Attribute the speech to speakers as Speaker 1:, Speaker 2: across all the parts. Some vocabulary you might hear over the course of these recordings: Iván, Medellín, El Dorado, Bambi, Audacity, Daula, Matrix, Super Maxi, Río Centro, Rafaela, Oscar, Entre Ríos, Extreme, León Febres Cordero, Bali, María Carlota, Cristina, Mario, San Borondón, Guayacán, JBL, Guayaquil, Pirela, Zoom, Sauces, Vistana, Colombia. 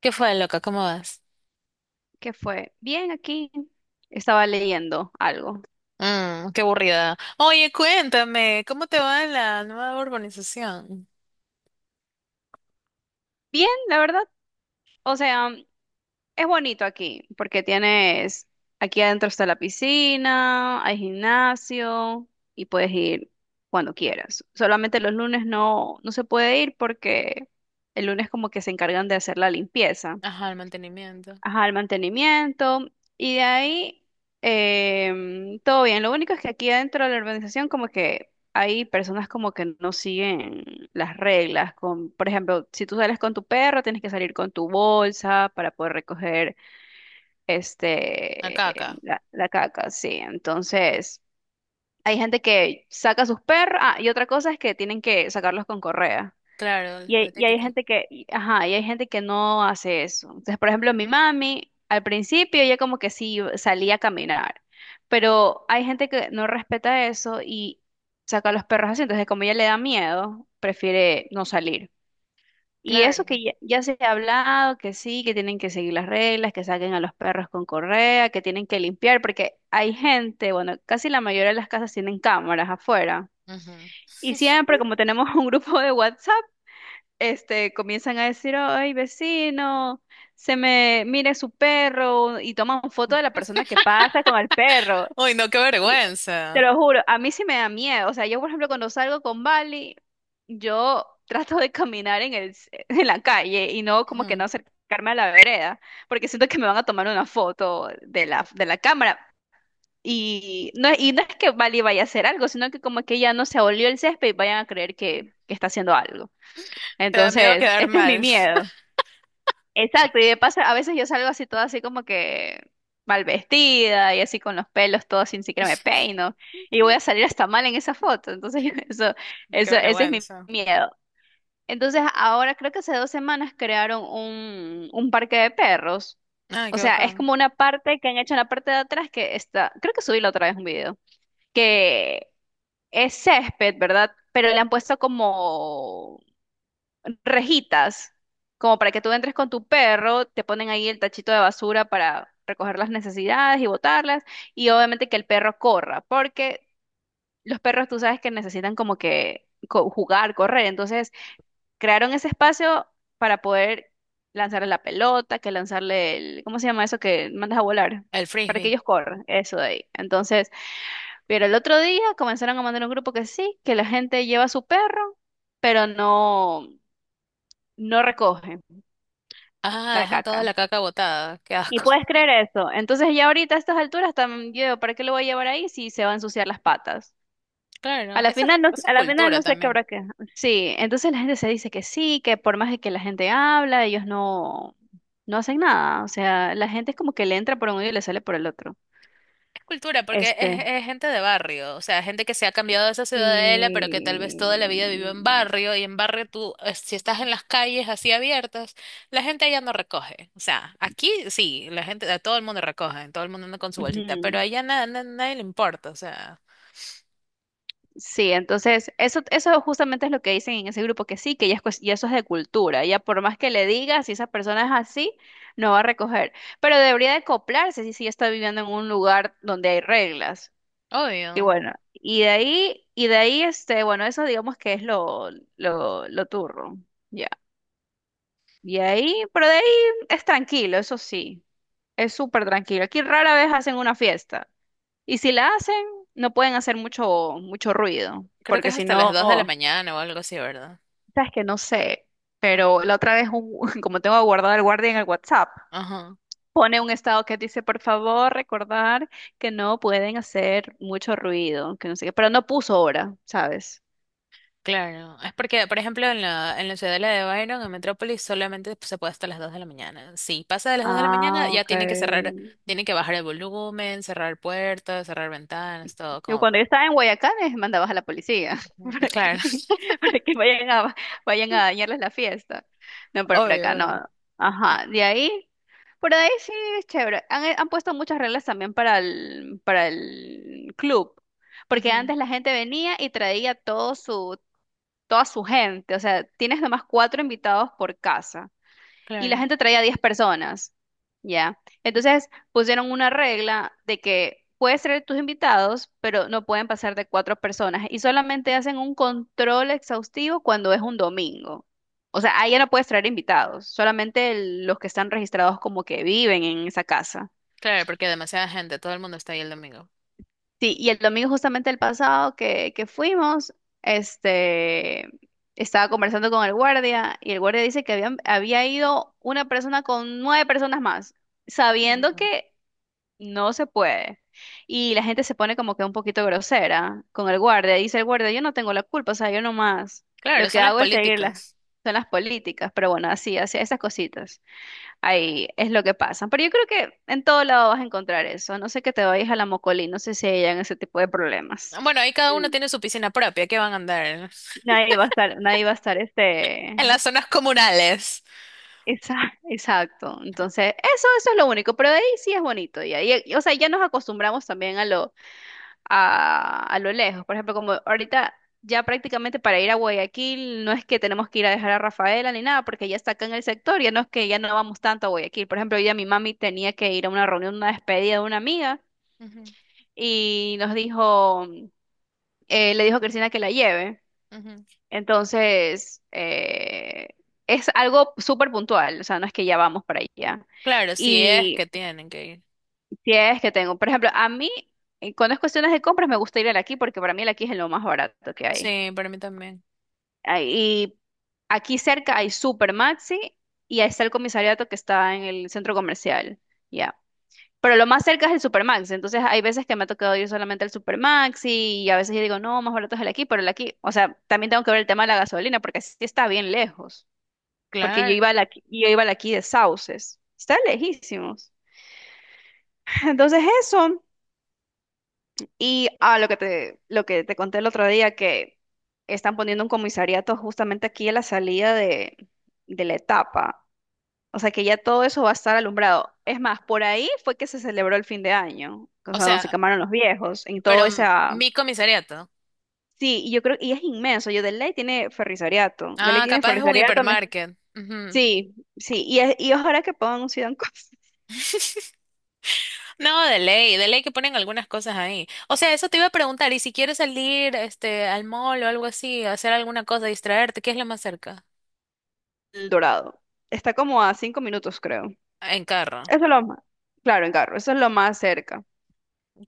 Speaker 1: ¿Qué fue, loca? ¿Cómo vas?
Speaker 2: Que fue bien aquí. Estaba leyendo algo.
Speaker 1: Mm, qué aburrida. Oye, cuéntame, ¿cómo te va en la nueva urbanización?
Speaker 2: Bien, la verdad. O sea, es bonito aquí porque tienes, aquí adentro está la piscina, hay gimnasio y puedes ir cuando quieras. Solamente los lunes no, no se puede ir porque el lunes como que se encargan de hacer la limpieza.
Speaker 1: Ajá, el mantenimiento.
Speaker 2: Ajá, el mantenimiento, y de ahí todo bien. Lo único es que aquí dentro de la organización como que hay personas como que no siguen las reglas. Por ejemplo, si tú sales con tu perro, tienes que salir con tu bolsa para poder recoger este
Speaker 1: Acá, acá.
Speaker 2: la caca, sí. Entonces, hay gente que saca sus perros, ah, y otra cosa es que tienen que sacarlos con correa.
Speaker 1: Claro,
Speaker 2: Y
Speaker 1: lo
Speaker 2: hay, y hay
Speaker 1: típico.
Speaker 2: gente ajá, y hay gente que no hace eso. Entonces, por ejemplo, mi mami, al principio ella como que sí salía a caminar, pero hay gente que no respeta eso y saca a los perros así. Entonces, como ella le da miedo, prefiere no salir. Y eso
Speaker 1: Claro.
Speaker 2: que ya, ya se ha hablado, que sí, que tienen que seguir las reglas, que saquen a los perros con correa, que tienen que limpiar, porque hay gente, bueno, casi la mayoría de las casas tienen cámaras afuera.
Speaker 1: Ujú.
Speaker 2: Y siempre, como tenemos un grupo de WhatsApp, comienzan a decir, ay, vecino, se me mire su perro y toman foto de la persona que pasa con el perro.
Speaker 1: Uy, no, qué
Speaker 2: Y te
Speaker 1: vergüenza.
Speaker 2: lo juro, a mí sí me da miedo. O sea, yo, por ejemplo, cuando salgo con Bali, yo trato de caminar en la calle y no como que
Speaker 1: Ujú.
Speaker 2: no acercarme a la vereda, porque siento que me van a tomar una foto de de la cámara. Y no, y no es que Bali vaya a hacer algo, sino que como que ya no se abolió el césped y vayan a creer que está haciendo algo.
Speaker 1: Te da miedo
Speaker 2: Entonces,
Speaker 1: quedar
Speaker 2: este es mi
Speaker 1: mal.
Speaker 2: miedo. Exacto, y de paso, a veces yo salgo así toda así como que mal vestida y así con los pelos todos sin siquiera me peino y voy a salir hasta mal en esa foto. Entonces,
Speaker 1: Qué
Speaker 2: ese es mi
Speaker 1: vergüenza.
Speaker 2: miedo. Entonces, ahora creo que hace 2 semanas crearon un parque de perros.
Speaker 1: Ay,
Speaker 2: O
Speaker 1: qué
Speaker 2: sea, es
Speaker 1: bacán.
Speaker 2: como una parte que han hecho en la parte de atrás que está, creo que subí la otra vez un video, que es césped, ¿verdad? Pero le han puesto como rejitas, como para que tú entres con tu perro, te ponen ahí el tachito de basura para recoger las necesidades y botarlas, y obviamente que el perro corra, porque los perros tú sabes que necesitan como que jugar, correr, entonces crearon ese espacio para poder lanzarle la pelota, que lanzarle el, ¿cómo se llama eso que mandas a volar?
Speaker 1: El
Speaker 2: Para que
Speaker 1: frisbee.
Speaker 2: ellos corran, eso de ahí. Entonces, pero el otro día comenzaron a mandar un grupo que sí, que la gente lleva a su perro, pero no, no recoge.
Speaker 1: Ah,
Speaker 2: La
Speaker 1: dejan toda
Speaker 2: caca.
Speaker 1: la caca botada. Qué
Speaker 2: Y
Speaker 1: asco.
Speaker 2: puedes creer eso. Entonces ya ahorita a estas alturas también yo, ¿para qué lo voy a llevar ahí si se va a ensuciar las patas? A
Speaker 1: Claro,
Speaker 2: la
Speaker 1: eso,
Speaker 2: final no,
Speaker 1: eso es
Speaker 2: a la final
Speaker 1: cultura
Speaker 2: no sé qué
Speaker 1: también.
Speaker 2: habrá que. Sí, entonces la gente se dice que sí, que por más de que la gente habla, ellos no, no hacen nada. O sea, la gente es como que le entra por un oído y le sale por el otro.
Speaker 1: Cultura, porque es,
Speaker 2: Este,
Speaker 1: es gente de barrio, o sea, gente que se ha cambiado de esa ciudadela, pero que tal vez toda la
Speaker 2: sí.
Speaker 1: vida vivió en barrio, y en barrio tú, si estás en las calles así abiertas, la gente allá no recoge. O sea, aquí sí, la gente, a todo el mundo recoge, todo el mundo anda con su bolsita, pero
Speaker 2: Ujú.
Speaker 1: allá nada, nadie le importa, o sea,
Speaker 2: Sí, entonces eso justamente es lo que dicen en ese grupo, que sí, que ya, es ya eso es de cultura, ya por más que le digas, si esa persona es así, no va a recoger, pero debería de acoplarse si, si ya está viviendo en un lugar donde hay reglas. Y
Speaker 1: obvio.
Speaker 2: bueno, y de ahí, bueno, eso digamos que es lo turro, ya. Y ahí, pero de ahí es tranquilo, eso sí, es súper tranquilo. Aquí rara vez hacen una fiesta, y si la hacen, no pueden hacer mucho, mucho ruido,
Speaker 1: Creo que
Speaker 2: porque
Speaker 1: es
Speaker 2: si
Speaker 1: hasta las
Speaker 2: no...
Speaker 1: 2 de la mañana o algo así, ¿verdad?
Speaker 2: Sabes que no sé, pero la otra vez, como tengo guardado el guardia en el WhatsApp,
Speaker 1: Ajá.
Speaker 2: pone un estado que dice, por favor, recordar que no pueden hacer mucho ruido, que no sé qué, pero no puso hora, ¿sabes?
Speaker 1: Claro, es porque, por ejemplo, en la ciudadela de Byron, en Metrópolis, solamente se puede hasta las 2 de la mañana. Si pasa de las 2 de la mañana,
Speaker 2: Ah,
Speaker 1: ya
Speaker 2: ok.
Speaker 1: tiene que cerrar, tiene que bajar el volumen, cerrar puertas, cerrar ventanas, todo
Speaker 2: Yo
Speaker 1: como
Speaker 2: cuando yo
Speaker 1: para...
Speaker 2: estaba en Guayacán, mandabas a la policía.
Speaker 1: Mm,
Speaker 2: ¿Para
Speaker 1: claro.
Speaker 2: qué? de que vayan a dañarles la fiesta. No, por
Speaker 1: Obvio,
Speaker 2: acá
Speaker 1: obvio.
Speaker 2: no. Ajá, de ahí, por ahí sí es chévere. Han, han puesto muchas reglas también para el club, porque
Speaker 1: Ujú.
Speaker 2: antes la gente venía y traía todo toda su gente, o sea, tienes nomás cuatro invitados por casa y la
Speaker 1: Claro,
Speaker 2: gente traía 10 personas, ¿ya? Entonces pusieron una regla de que puedes traer tus invitados, pero no pueden pasar de cuatro personas y solamente hacen un control exhaustivo cuando es un domingo. O sea, ahí ya no puedes traer invitados, solamente los que están registrados como que viven en esa casa.
Speaker 1: claro, porque demasiada gente, todo el mundo está ahí el domingo.
Speaker 2: Sí, y el domingo justamente el pasado que fuimos, este, estaba conversando con el guardia y el guardia dice que habían, había ido una persona con nueve personas más, sabiendo
Speaker 1: Mm,
Speaker 2: que no se puede. Y la gente se pone como que un poquito grosera con el guardia. Dice el guardia, yo no tengo la culpa, o sea, yo nomás lo
Speaker 1: claro,
Speaker 2: que
Speaker 1: son las
Speaker 2: hago es seguir
Speaker 1: políticas.
Speaker 2: son las políticas, pero bueno, así, así, esas cositas. Ahí es lo que pasa. Pero yo creo que en todo lado vas a encontrar eso. A no sé que te vayas a la Mocolí, no sé si hayan ese tipo de problemas.
Speaker 1: Bueno, ahí cada uno
Speaker 2: Mm.
Speaker 1: tiene su piscina propia, ¿qué van a andar?
Speaker 2: Nadie va a estar este.
Speaker 1: En las zonas comunales.
Speaker 2: Esa, exacto. Entonces, eso es lo único. Pero de ahí sí es bonito. Y ahí, o sea, ya nos acostumbramos también a lo, a lo lejos. Por ejemplo, como ahorita ya prácticamente para ir a Guayaquil no es que tenemos que ir a dejar a Rafaela ni nada, porque ya está acá en el sector, ya no es que ya no vamos tanto a Guayaquil. Por ejemplo, hoy día mi mami tenía que ir a una reunión, una despedida de una amiga.
Speaker 1: Ujú,
Speaker 2: Y nos dijo, le dijo a Cristina que la lleve.
Speaker 1: ujú.
Speaker 2: Entonces, es algo súper puntual, o sea, no es que ya vamos para allá.
Speaker 1: Claro, si es que
Speaker 2: Y
Speaker 1: tienen que ir.
Speaker 2: si es que tengo, por ejemplo, a mí, cuando es cuestiones de compras, me gusta ir al aquí porque para mí el aquí es lo más barato que hay.
Speaker 1: Sí, para mí también.
Speaker 2: Ah, y aquí cerca hay Super Maxi y ahí está el comisariato que está en el centro comercial. Ya. Pero lo más cerca es el Supermax, entonces hay veces que me ha tocado ir solamente al Supermax y a veces yo digo, no, más barato es el aquí, pero el aquí, o sea, también tengo que ver el tema de la gasolina porque sí está bien lejos, porque yo
Speaker 1: Claro.
Speaker 2: iba al aquí, yo iba al aquí de Sauces, está lejísimos. Entonces eso, y a lo que te conté el otro día, que están poniendo un comisariato justamente aquí a la salida de la etapa. O sea que ya todo eso va a estar alumbrado. Es más, por ahí fue que se celebró el fin de año, o
Speaker 1: O
Speaker 2: sea, donde se
Speaker 1: sea,
Speaker 2: quemaron los viejos, en todo
Speaker 1: pero
Speaker 2: esa...
Speaker 1: mi comisariato.
Speaker 2: Sí, y yo creo, y es inmenso, yo de ley tiene ferrisariato, de ley
Speaker 1: Ah,
Speaker 2: tiene
Speaker 1: capaz es un
Speaker 2: ferrisariato,
Speaker 1: hipermarket. Ujú.
Speaker 2: sí, sí, y, y ojalá que pongan un Sidan Cos-
Speaker 1: No, de ley que ponen algunas cosas ahí. O sea, eso te iba a preguntar, y si quieres salir, este, al mall o algo así, hacer alguna cosa, distraerte, ¿qué es lo más cerca?
Speaker 2: El Dorado. Está como a 5 minutos, creo.
Speaker 1: En carro.
Speaker 2: Eso es lo más, claro, en carro, eso es lo más cerca.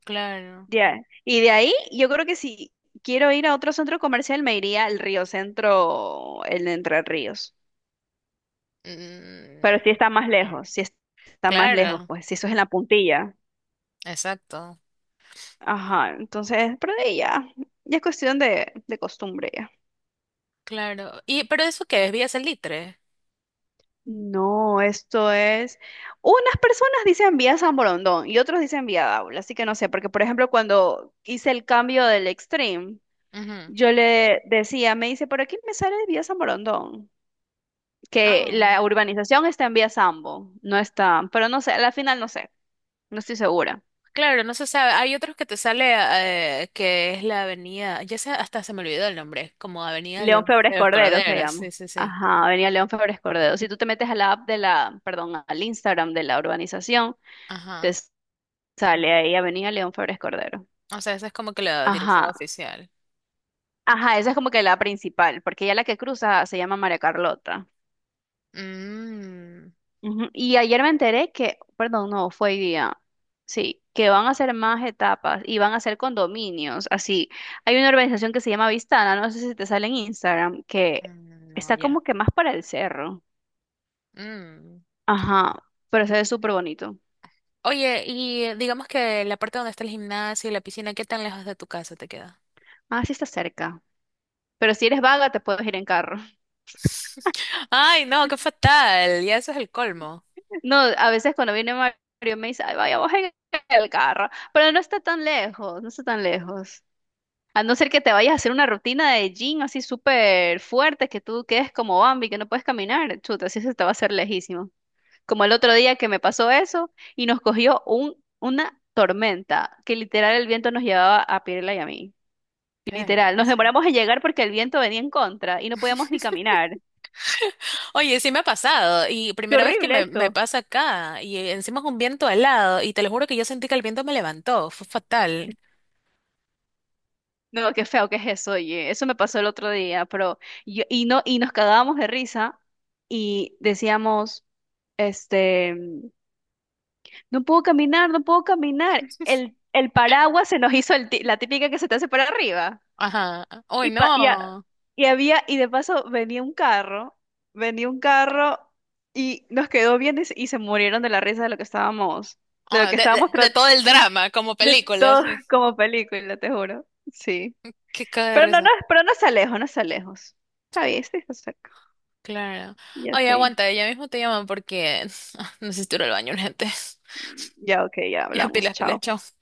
Speaker 1: Claro.
Speaker 2: Ya. Y de ahí, yo creo que si quiero ir a otro centro comercial, me iría al Río Centro, el de Entre Ríos. Pero
Speaker 1: Mm,
Speaker 2: sí está más
Speaker 1: claro.
Speaker 2: lejos, sí está más lejos,
Speaker 1: Claro,
Speaker 2: pues, si eso es en la puntilla.
Speaker 1: exacto.
Speaker 2: Ajá, entonces, pero de ahí ya, ya es cuestión de costumbre ya.
Speaker 1: Claro. Y, pero eso qué es, ¿Vía Salitre?
Speaker 2: No, esto es. Unas personas dicen vía San Borondón y otros dicen vía Daula, así que no sé, porque por ejemplo, cuando hice el cambio del Extreme,
Speaker 1: Ujú.
Speaker 2: yo le decía, me dice, por aquí me sale vía San Borondón, que
Speaker 1: Ah.
Speaker 2: la urbanización está en vía Sambo, no está, pero no sé, a la final no sé, no estoy segura.
Speaker 1: Claro, no se sabe. Hay otros que te sale que es la avenida, ya sé, hasta se me olvidó el nombre, como Avenida
Speaker 2: León
Speaker 1: León
Speaker 2: Febres
Speaker 1: de los
Speaker 2: Cordero se
Speaker 1: Corderos, sí,
Speaker 2: llama.
Speaker 1: sí, sí.
Speaker 2: Ajá, venía León Febres Cordero. Si tú te metes a la app de la, perdón, al Instagram de la urbanización, te
Speaker 1: Ajá.
Speaker 2: sale ahí Avenida León Febres Cordero.
Speaker 1: O sea, esa es como que la dirección
Speaker 2: Ajá,
Speaker 1: oficial.
Speaker 2: ajá, esa es como que la principal, porque ya la que cruza se llama María Carlota.
Speaker 1: Mm,
Speaker 2: Ujú, y ayer me enteré que, perdón, no, fue hoy día, sí, que van a hacer más etapas y van a hacer condominios, así. Hay una organización que se llama Vistana, no sé si te sale en Instagram, que
Speaker 1: mm, no,
Speaker 2: está
Speaker 1: ya.
Speaker 2: como que más para el cerro.
Speaker 1: Mm.
Speaker 2: Ajá, pero se ve súper bonito.
Speaker 1: Oye, y digamos que la parte donde está el gimnasio y la piscina, ¿qué tan lejos de tu casa te queda?
Speaker 2: Ah, sí está cerca. Pero si eres vaga, te puedes ir en carro.
Speaker 1: Ay, no, qué fatal. Ya eso es el colmo.
Speaker 2: No, a veces cuando viene Mario me dice, ay, vaya, vos en el carro. Pero no está tan lejos, no está tan lejos. A no ser que te vayas a hacer una rutina de gym así súper fuerte, que tú quedes como Bambi, que no puedes caminar. Chuta, así se te va a hacer lejísimo. Como el otro día que me pasó eso y nos cogió una tormenta, que literal el viento nos llevaba a Pirela y a mí.
Speaker 1: Qué
Speaker 2: Literal, nos
Speaker 1: desgracia.
Speaker 2: demoramos en llegar porque el viento venía en contra y no podíamos ni caminar.
Speaker 1: Oye, sí me ha pasado, y
Speaker 2: Qué
Speaker 1: primera vez que
Speaker 2: horrible
Speaker 1: me
Speaker 2: eso.
Speaker 1: pasa acá, y encima es un viento alado, y te lo juro que yo sentí que el viento me levantó, fue fatal.
Speaker 2: No, qué feo que es eso, oye. Eso me pasó el otro día, pero yo, y no, y nos cagábamos de risa y decíamos, este, no puedo caminar, no puedo caminar. El paraguas se nos hizo la típica que se te hace para arriba.
Speaker 1: Ajá. Uy,
Speaker 2: Y, pa- y, a-
Speaker 1: no.
Speaker 2: y había, y de paso venía un carro y nos quedó bien y se murieron de la risa de lo que estábamos, de lo
Speaker 1: Ah,
Speaker 2: que
Speaker 1: de,
Speaker 2: estábamos
Speaker 1: de todo el drama, como
Speaker 2: De
Speaker 1: películas.
Speaker 2: todo
Speaker 1: Sí.
Speaker 2: como película, te juro. Sí.
Speaker 1: Qué caga de
Speaker 2: Pero no, no,
Speaker 1: risa.
Speaker 2: pero no se lejos, no se lejos. Está bien, sí, está cerca.
Speaker 1: Claro.
Speaker 2: Ya
Speaker 1: Oye,
Speaker 2: sí.
Speaker 1: aguanta, ya mismo te llaman porque necesito ir al baño, gente.
Speaker 2: Ya, ok, ya
Speaker 1: Ya,
Speaker 2: hablamos.
Speaker 1: pilas, pilas,
Speaker 2: Chao.
Speaker 1: chao.